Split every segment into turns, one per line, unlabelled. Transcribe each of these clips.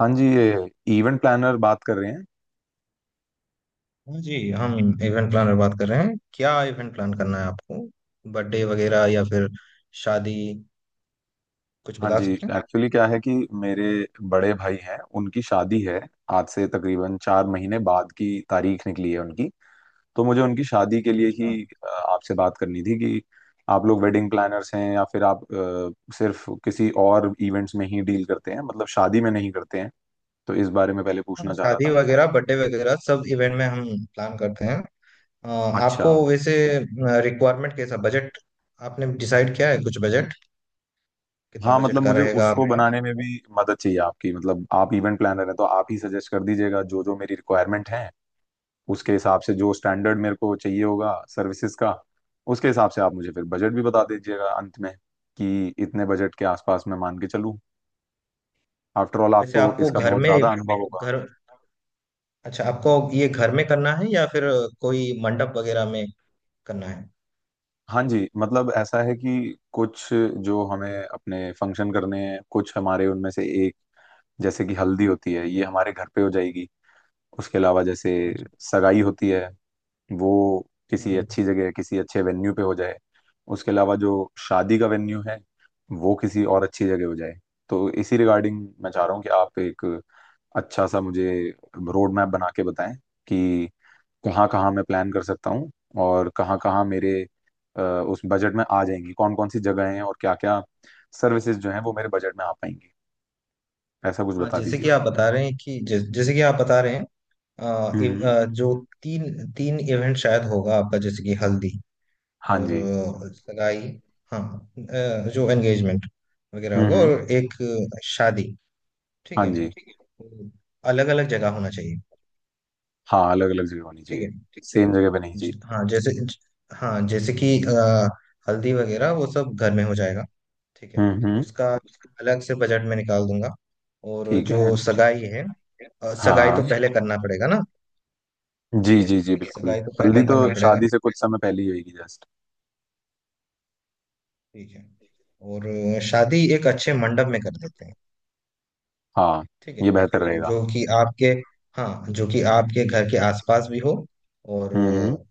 हाँ जी, ये इवेंट प्लानर बात कर रहे हैं।
हाँ जी, हम इवेंट प्लानर बात कर रहे हैं। क्या इवेंट प्लान करना है आपको? बर्थडे वगैरह या फिर शादी, कुछ
हाँ
बता
जी,
सकते हैं?
एक्चुअली क्या है कि मेरे बड़े भाई हैं, उनकी शादी है। आज से तकरीबन 4 महीने बाद की तारीख निकली है उनकी। तो मुझे उनकी शादी के लिए
अच्छा।
ही आपसे बात करनी थी कि आप लोग वेडिंग प्लानर्स हैं या फिर आप सिर्फ किसी और इवेंट्स में ही डील करते हैं, मतलब शादी में नहीं करते हैं। तो इस बारे में पहले
हाँ,
पूछना चाह रहा
शादी
था मैं।
वगैरह बर्थडे वगैरह सब इवेंट में हम प्लान करते हैं। अ,
अच्छा।
आपको वैसे रिक्वायरमेंट, कैसा बजट आपने डिसाइड किया है? कुछ बजट, कितना
हाँ,
बजट
मतलब
का
मुझे
रहेगा
उसको
आपका?
बनाने में भी मदद चाहिए आपकी। मतलब आप इवेंट प्लानर हैं, तो आप ही सजेस्ट कर दीजिएगा जो जो मेरी रिक्वायरमेंट है उसके हिसाब से, जो स्टैंडर्ड मेरे को चाहिए होगा सर्विसेज का, उसके हिसाब से आप मुझे फिर बजट भी बता दीजिएगा अंत में, कि इतने बजट के आसपास मैं मान के चलूं। आफ्टर ऑल
वैसे
आपको
आपको
इसका
घर
बहुत
में,
ज़्यादा अनुभव होगा।
घर, अच्छा आपको ये घर में करना है या फिर कोई मंडप वगैरह में करना है?
हाँ जी, मतलब ऐसा है कि कुछ जो हमें अपने फंक्शन करने हैं, कुछ हमारे उनमें से एक जैसे कि हल्दी होती है, ये हमारे घर पे हो जाएगी। उसके अलावा, जैसे
हाँ जी।
सगाई होती है, वो
हम्म,
किसी
हम्म।
अच्छी जगह, किसी अच्छे वेन्यू पे हो जाए। उसके अलावा जो शादी का वेन्यू है, वो किसी और अच्छी जगह हो जाए। तो इसी रिगार्डिंग मैं चाह रहा हूँ कि आप एक अच्छा सा मुझे रोड मैप बना के बताएं कि कहाँ कहाँ मैं प्लान कर सकता हूँ और कहाँ कहाँ मेरे उस बजट में आ जाएंगी, कौन कौन सी जगह हैं और क्या क्या सर्विसेज जो हैं वो मेरे बजट में आ पाएंगी। ऐसा कुछ
हाँ,
बता
जैसे
दीजिए।
कि आप बता रहे हैं कि जैसे कि आप बता रहे हैं
हम्म।
जो तीन तीन इवेंट शायद होगा आपका, जैसे कि हल्दी
हाँ
और
जी।
सगाई, हाँ, जो एंगेजमेंट वगैरह होगा,
हम्म।
और एक शादी। ठीक
हाँ
है।
जी।
अलग अलग जगह होना चाहिए।
हाँ, अलग अलग जगह होनी
ठीक है।
चाहिए, सेम जगह पे नहीं चाहिए।
हाँ जैसे हाँ जैसे कि हल्दी वगैरह वो सब घर में हो जाएगा। ठीक है।
हम्म।
उसका अलग से बजट में निकाल दूंगा, और
ठीक
जो
है, सोचो।
सगाई है, सगाई
हाँ
तो पहले करना पड़ेगा ना।
जी,
ठीक है।
जी जी, ठीक है, बिल्कुल।
सगाई तो
हल्दी
पहले
तो
करना
वैसा
पड़ेगा।
शादी से कुछ समय पहले ही होगी, जस्ट।
ठीक है। और शादी एक अच्छे मंडप में कर देते हैं।
हाँ,
ठीक है।
ये बेहतर
जो
रहेगा।
जो कि आपके, हाँ, जो कि आपके घर के आसपास भी हो, और
हम्म।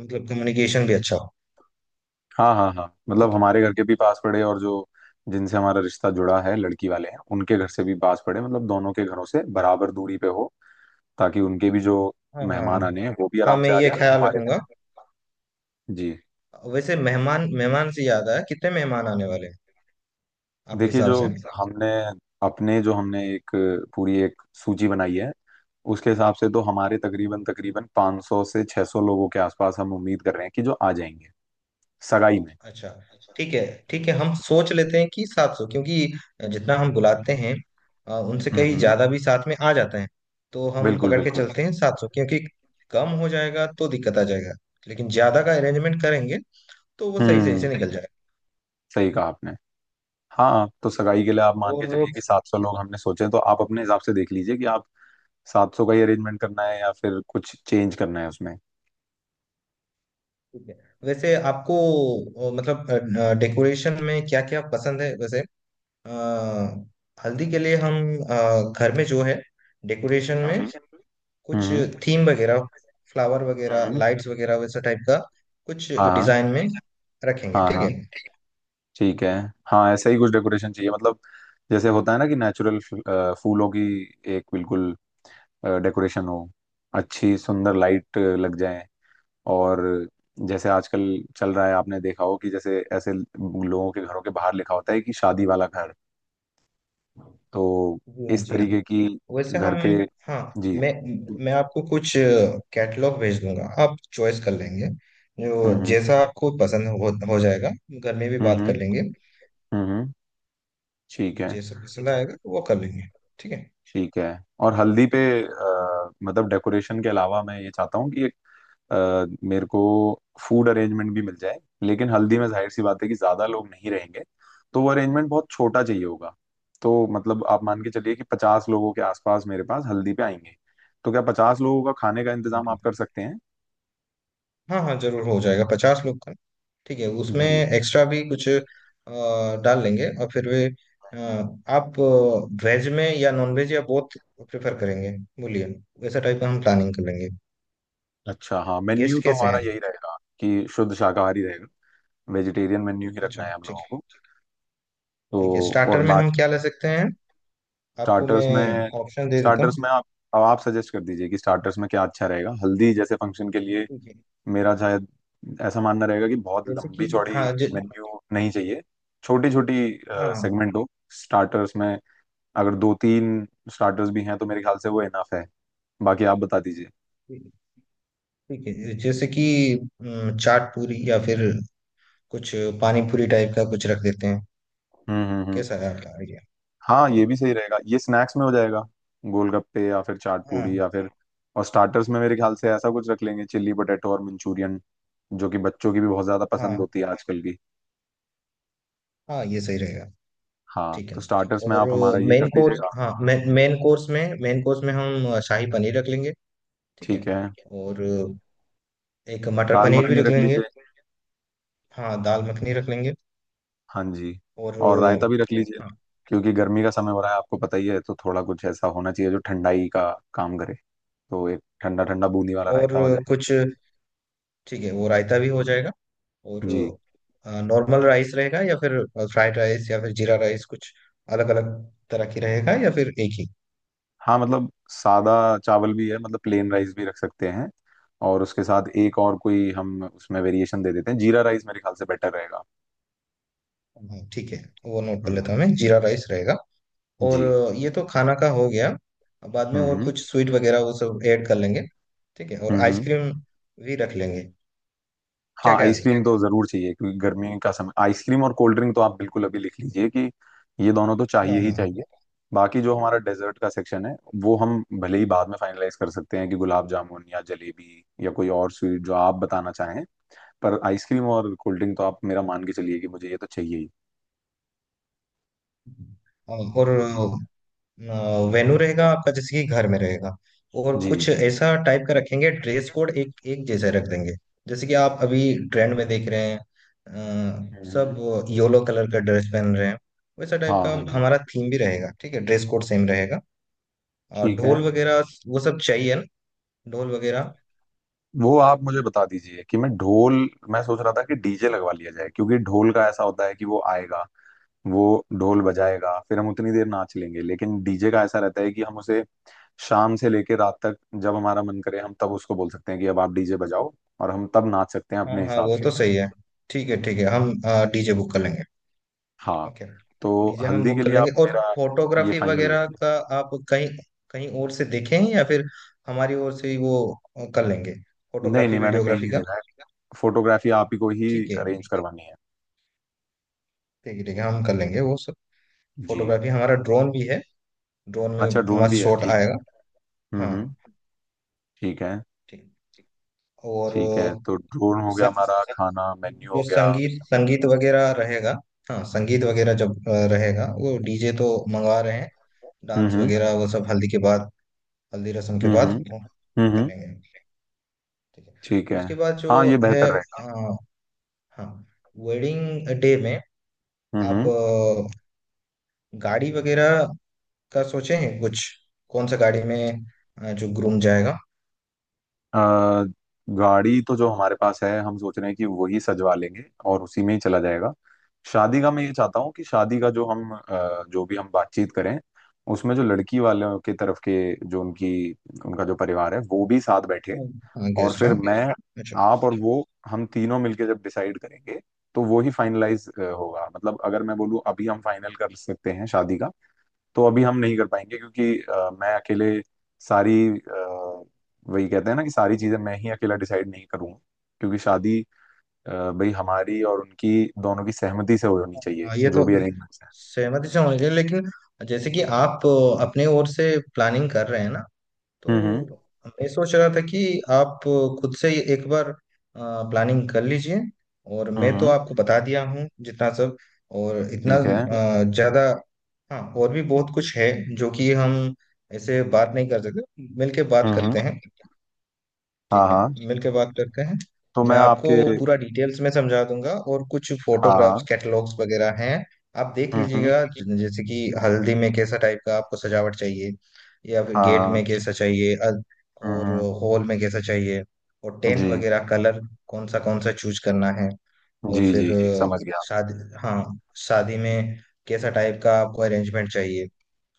मतलब कम्युनिकेशन भी अच्छा हो।
हाँ हाँ हाँ, मतलब
ठीक है।
हमारे घर के भी पास पड़े, और जो जिनसे हमारा रिश्ता जुड़ा है, लड़की वाले हैं उनके घर से भी पास पड़े, मतलब दोनों के घरों से बराबर दूरी पे हो, ताकि उनके भी जो
हाँ, हाँ,
मेहमान
हाँ।
आने हैं वो भी
हाँ,
आराम
मैं
से आ
ये
जाए और
ख्याल
हमारे।
रखूंगा।
जी।
वैसे मेहमान, मेहमान से याद आया, कितने मेहमान आने वाले हैं आपके
देखिए,
हिसाब
जो
से?
हमने अपने जो हमने एक पूरी एक सूची बनाई है उसके हिसाब से तो हमारे तकरीबन तकरीबन 500 से 600 लोगों के आसपास हम उम्मीद कर रहे हैं कि जो आ जाएंगे सगाई में।
अच्छा। ठीक है। ठीक है, हम सोच लेते हैं कि 700, क्योंकि जितना हम बुलाते हैं उनसे कहीं
हम्म।
ज्यादा भी साथ में आ जाते हैं। तो हम
बिल्कुल
पकड़ के
बिल्कुल।
चलते हैं 700, क्योंकि कम हो जाएगा तो दिक्कत आ जाएगा। लेकिन ज्यादा का अरेंजमेंट करेंगे तो वो सही सही
हम्म।
से निकल जाएगा।
सही कहा आपने। हाँ, तो सगाई के लिए आप मान के
और
चलिए कि 700 लोग हमने सोचे हैं, तो आप अपने हिसाब से देख लीजिए कि आप 700 का ही अरेंजमेंट करना है या फिर कुछ चेंज करना है उसमें।
ठीक है। वैसे आपको मतलब डेकोरेशन में क्या क्या पसंद है वैसे? अ, हल्दी के लिए हम घर में जो है डेकोरेशन
हम्म
में कुछ
हम्म
थीम वगैरह, फ्लावर वगैरह,
हम्म।
लाइट्स वगैरह, वैसा टाइप का कुछ
हाँ
डिजाइन में रखेंगे,
हाँ हाँ
ठीक
हाँ।
है।
ठीक है। हाँ, ऐसा ही कुछ डेकोरेशन चाहिए, मतलब जैसे होता है ना कि नेचुरल फूलों की एक बिल्कुल डेकोरेशन हो, अच्छी सुंदर लाइट लग जाए। और जैसे आजकल चल रहा है, आपने देखा हो कि जैसे ऐसे लोगों के घरों के बाहर लिखा होता है कि शादी वाला घर। तो
जी हाँ,
इस
जी हाँ।
तरीके की
वैसे
घर
हम,
के।
हाँ,
जी।
मैं
हम्म
मैं आपको कुछ कैटलॉग भेज दूंगा, आप चॉइस कर लेंगे, जो
हम्म।
जैसा आपको पसंद हो जाएगा। घर में भी बात
हम्म।
कर लेंगे।
हम्म। ठीक
जो
है।
जैसा पसंद आएगा वो कर लेंगे। ठीक है।
ठीक है। और हल्दी पे मतलब डेकोरेशन के अलावा मैं ये चाहता हूँ कि एक मेरे को फूड अरेंजमेंट भी मिल जाए। लेकिन हल्दी में जाहिर सी बात है कि ज्यादा लोग नहीं रहेंगे, तो वो अरेंजमेंट बहुत छोटा चाहिए होगा। तो मतलब आप मान के चलिए कि 50 लोगों के आसपास मेरे पास हल्दी पे आएंगे, तो क्या 50 लोगों का खाने का इंतजाम आप
ठीक
कर
है।
सकते हैं?
हाँ हाँ, जरूर हो जाएगा 50 लोग का। ठीक है, उसमें
जी।
एक्स्ट्रा भी कुछ डाल लेंगे। और फिर वे, अ, आप वेज में या नॉन वेज या बोथ प्रेफर करेंगे, बोलिए। वैसा टाइप का हम प्लानिंग कर लेंगे।
अच्छा, हाँ, मेन्यू
गेस्ट
तो
कैसे
हमारा
हैं?
यही रहेगा कि शुद्ध शाकाहारी रहेगा, वेजिटेरियन मेन्यू ही रखना
अच्छा,
है हम
ठीक
लोगों
है।
को। तो
ठीक है,
और
स्टार्टर में हम क्या ले सकते हैं? आपको मैं
स्टार्टर्स में,
ऑप्शन दे देता हूँ।
स्टार्टर्स में आप, अब आप सजेस्ट कर दीजिए कि स्टार्टर्स में क्या अच्छा रहेगा हल्दी जैसे फंक्शन के लिए।
ठीक है,
मेरा शायद ऐसा मानना रहेगा कि बहुत
जैसे
लंबी
कि,
चौड़ी
हाँ
मेन्यू नहीं चाहिए, छोटी छोटी
हाँ
सेगमेंट हो। स्टार्टर्स में अगर दो तीन स्टार्टर्स भी हैं तो मेरे ख्याल से वो इनफ है। बाकी आप बता दीजिए।
ठीक ठीक है, जैसे कि चाट पूरी या फिर कुछ पानी पूरी टाइप का कुछ रख देते हैं,
हम्म।
कैसा है आपका आइडिया?
हाँ,
हाँ।
ये भी सही रहेगा, ये स्नैक्स में हो जाएगा, गोलगप्पे या फिर चाट
हाँ।
पूड़ी या फिर। और स्टार्टर्स में मेरे ख्याल से ऐसा कुछ रख लेंगे, चिल्ली पोटैटो और मंचूरियन, जो कि बच्चों की भी बहुत ज्यादा
हाँ
पसंद होती है आजकल की।
हाँ, ये सही रहेगा।
हाँ,
ठीक है।
तो स्टार्टर्स में
और
आप हमारा ये कर
मेन कोर्स,
दीजिएगा।
हाँ, मेन कोर्स में, मेन कोर्स में हम शाही पनीर रख लेंगे। ठीक है।
ठीक है।
और एक मटर
दाल
पनीर
मखनी
भी रख
रख
लेंगे।
लीजिए।
हाँ, दाल मखनी रख लेंगे।
हाँ जी।
और
और रायता भी रख लीजिए,
हाँ।
क्योंकि गर्मी का समय हो रहा है, आपको पता ही है, तो थोड़ा कुछ ऐसा होना चाहिए जो ठंडाई का काम करे। तो एक ठंडा ठंडा बूंदी वाला
और
रायता हो जाए।
कुछ, ठीक है, वो रायता भी हो जाएगा। और
जी।
नॉर्मल राइस रहेगा या फिर फ्राइड राइस या फिर जीरा राइस, कुछ अलग अलग तरह की रहेगा या फिर एक ही?
हाँ, मतलब सादा चावल भी है, मतलब प्लेन राइस भी रख सकते हैं। और उसके साथ एक और कोई हम उसमें वेरिएशन दे देते हैं, जीरा राइस मेरे ख्याल से बेटर रहेगा।
हाँ, ठीक है। वो नोट कर
हम्म।
लेता हूँ मैं, जीरा राइस रहेगा।
जी।
और ये तो खाना का हो गया। अब बाद में और
हम्म।
कुछ स्वीट वगैरह वो सब ऐड कर लेंगे। ठीक है, और
हम्म हम्म।
आइसक्रीम भी रख लेंगे, क्या
हाँ,
ख्याल है?
आइसक्रीम तो जरूर चाहिए, क्योंकि गर्मी का समय, आइसक्रीम और कोल्ड ड्रिंक तो आप बिल्कुल अभी लिख लीजिए कि ये दोनों तो चाहिए
हाँ,
ही
हाँ, हाँ।
चाहिए। बाकी जो हमारा डेजर्ट का सेक्शन है वो हम भले ही बाद में फाइनलाइज कर सकते हैं कि गुलाब जामुन या जलेबी या कोई और स्वीट जो आप बताना चाहें। पर आइसक्रीम और कोल्ड ड्रिंक तो आप मेरा मान के चलिए कि मुझे ये तो चाहिए ही।
हाँ, और
जी,
वेन्यू रहेगा आपका जैसे कि घर में रहेगा, और
जी।
कुछ ऐसा टाइप का रखेंगे, ड्रेस कोड एक एक जैसा रख देंगे। जैसे कि आप अभी ट्रेंड में देख रहे हैं, सब
हुँ।
येलो कलर का ड्रेस पहन रहे हैं। वैसा टाइप
हाँ,
का
हाँ, हाँ।
हमारा थीम भी रहेगा, ठीक है, ड्रेस कोड सेम रहेगा। और
ठीक है।
ढोल वगैरह वो सब चाहिए ना, ढोल वगैरह?
वो आप मुझे बता दीजिए कि मैं ढोल, मैं सोच रहा था कि डीजे लगवा लिया जाए, क्योंकि ढोल का ऐसा होता है कि वो आएगा, वो ढोल बजाएगा, फिर हम उतनी देर नाच लेंगे। लेकिन डीजे का ऐसा रहता है कि हम उसे शाम से लेके रात तक जब हमारा मन करे हम तब उसको बोल सकते हैं कि अब आप डीजे बजाओ, और हम तब नाच सकते हैं
हाँ
अपने
हाँ,
हिसाब
वो
से।
तो सही है। ठीक है, ठीक है, हम डीजे बुक कर लेंगे।
हाँ,
ओके।
तो
डीजे हम
हल्दी के
बुक कर
लिए आप
लेंगे, और
मेरा ये
फोटोग्राफी
फाइनल
वगैरह
रखिए।
का आप कहीं, कहीं और से देखें या फिर हमारी ओर से ही वो कर लेंगे,
नहीं,
फोटोग्राफी
नहीं, मैंने कहीं
वीडियोग्राफी
नहीं
का।
देखा है। फ़ोटोग्राफ़ी आप ही को ही
ठीक है।
अरेंज करवानी है।
ठीक है, ठीक है, हम कर लेंगे वो सब।
जी।
फोटोग्राफी, हमारा ड्रोन भी है, ड्रोन
अच्छा,
में
ड्रोन भी
मस्त
है,
शॉट
ठीक है।
आएगा। हाँ।
हम्म। ठीक है।
ठीक। और
ठीक है, तो ड्रोन
अ,
हो गया,
सा-
हमारा खाना मेन्यू
जो
हो गया।
संगीत, संगीत वगैरह रहेगा। हाँ, संगीत वगैरह जब रहेगा, वो डीजे तो मंगवा रहे हैं, डांस
हम्म
वगैरह वो सब हल्दी के बाद, हल्दी रस्म के
हम्म।
बाद वो
हम्म।
कर लेंगे, ठीक है।
ठीक है।
उसके बाद जो
हाँ, ये
है
बेहतर रहेगा।
अ, हाँ, वेडिंग डे में आप
हम्म।
गाड़ी वगैरह का सोचे हैं कुछ? कौन सा गाड़ी में जो ग्रूम जाएगा?
अ, गाड़ी तो जो हमारे पास है हम सोच रहे हैं कि वही सजवा लेंगे, और उसी में ही चला जाएगा। शादी का मैं ये चाहता हूँ कि शादी का जो हम जो भी हम बातचीत करें उसमें जो लड़की वालों की तरफ के, जो उनकी, उनका जो परिवार है वो भी साथ बैठे,
हाँ, गेस्ट, हाँ
और
guest,
फिर
हाँ?
मैं,
अच्छा।
आप और वो, हम तीनों मिलके जब डिसाइड करेंगे तो वो ही फाइनलाइज होगा। मतलब अगर मैं बोलूँ अभी हम फाइनल कर सकते हैं शादी का, तो अभी हम नहीं कर पाएंगे, क्योंकि मैं अकेले सारी वही कहते हैं ना कि सारी चीजें मैं ही अकेला डिसाइड नहीं करूंगा, क्योंकि शादी अ, भाई, हमारी और उनकी दोनों की सहमति से होनी चाहिए
हाँ, ये तो
जो भी अरेंजमेंट्स हैं।
सहमति से होनी चाहिए, लेकिन जैसे कि आप अपने ओर से प्लानिंग कर रहे हैं ना, तो
हम्म
मैं सोच रहा था कि आप खुद से ही एक बार प्लानिंग कर लीजिए, और मैं तो
हम्म।
आपको बता दिया हूँ जितना सब, और इतना
ठीक है।
ज्यादा। हाँ, और भी बहुत कुछ है जो कि हम ऐसे बात नहीं कर सकते, मिलके बात करते
हम्म।
हैं।
हाँ
ठीक है।
हाँ।
मिलकर बात करते हैं।
तो मैं
मैं आपको
आपके।
पूरा डिटेल्स में समझा दूंगा, और कुछ
हाँ हाँ।
फोटोग्राफ्स कैटलॉग्स वगैरह हैं, आप देख
हम्म।
लीजिएगा, जैसे कि हल्दी में कैसा टाइप का आपको सजावट चाहिए, या फिर
हाँ
गेट
हाँ।
में कैसा चाहिए और
हम्म।
हॉल में कैसा चाहिए, और टेंट
जी,
वगैरह कलर कौन सा चूज करना है। और
जी, जी,
फिर
जी, समझ गया।
शादी, हाँ, शादी में कैसा टाइप का आपको अरेंजमेंट चाहिए,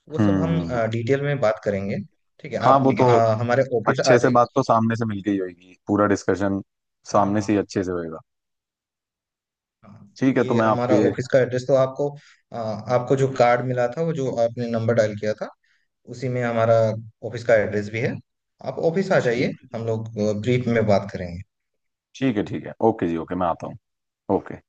वो
हुँ,
सब हम
हुँ, हुँ।
डिटेल में बात करेंगे। ठीक है,
हाँ,
आप
वो ठीक है तो ना?
हमारे ऑफिस आ
अच्छे से
जाइए।
बात तो सामने से मिलके ही होएगी। पूरा डिस्कशन
हाँ
सामने से ही
हाँ।
अच्छे से होएगा।
हाँ,
ठीक है, तो
ये
मैं ठीक आपके
हमारा
है।
ऑफिस का एड्रेस तो आपको, आपको जो कार्ड मिला था, वो जो आपने नंबर डायल किया था, उसी में हमारा ऑफिस का एड्रेस भी है। आप ऑफिस आ जाइए,
ठीक
हम
है,
लोग ब्रीफ में बात करेंगे।
ठीक है, ठीक है। ओके जी, ओके, मैं आता हूँ। ओके।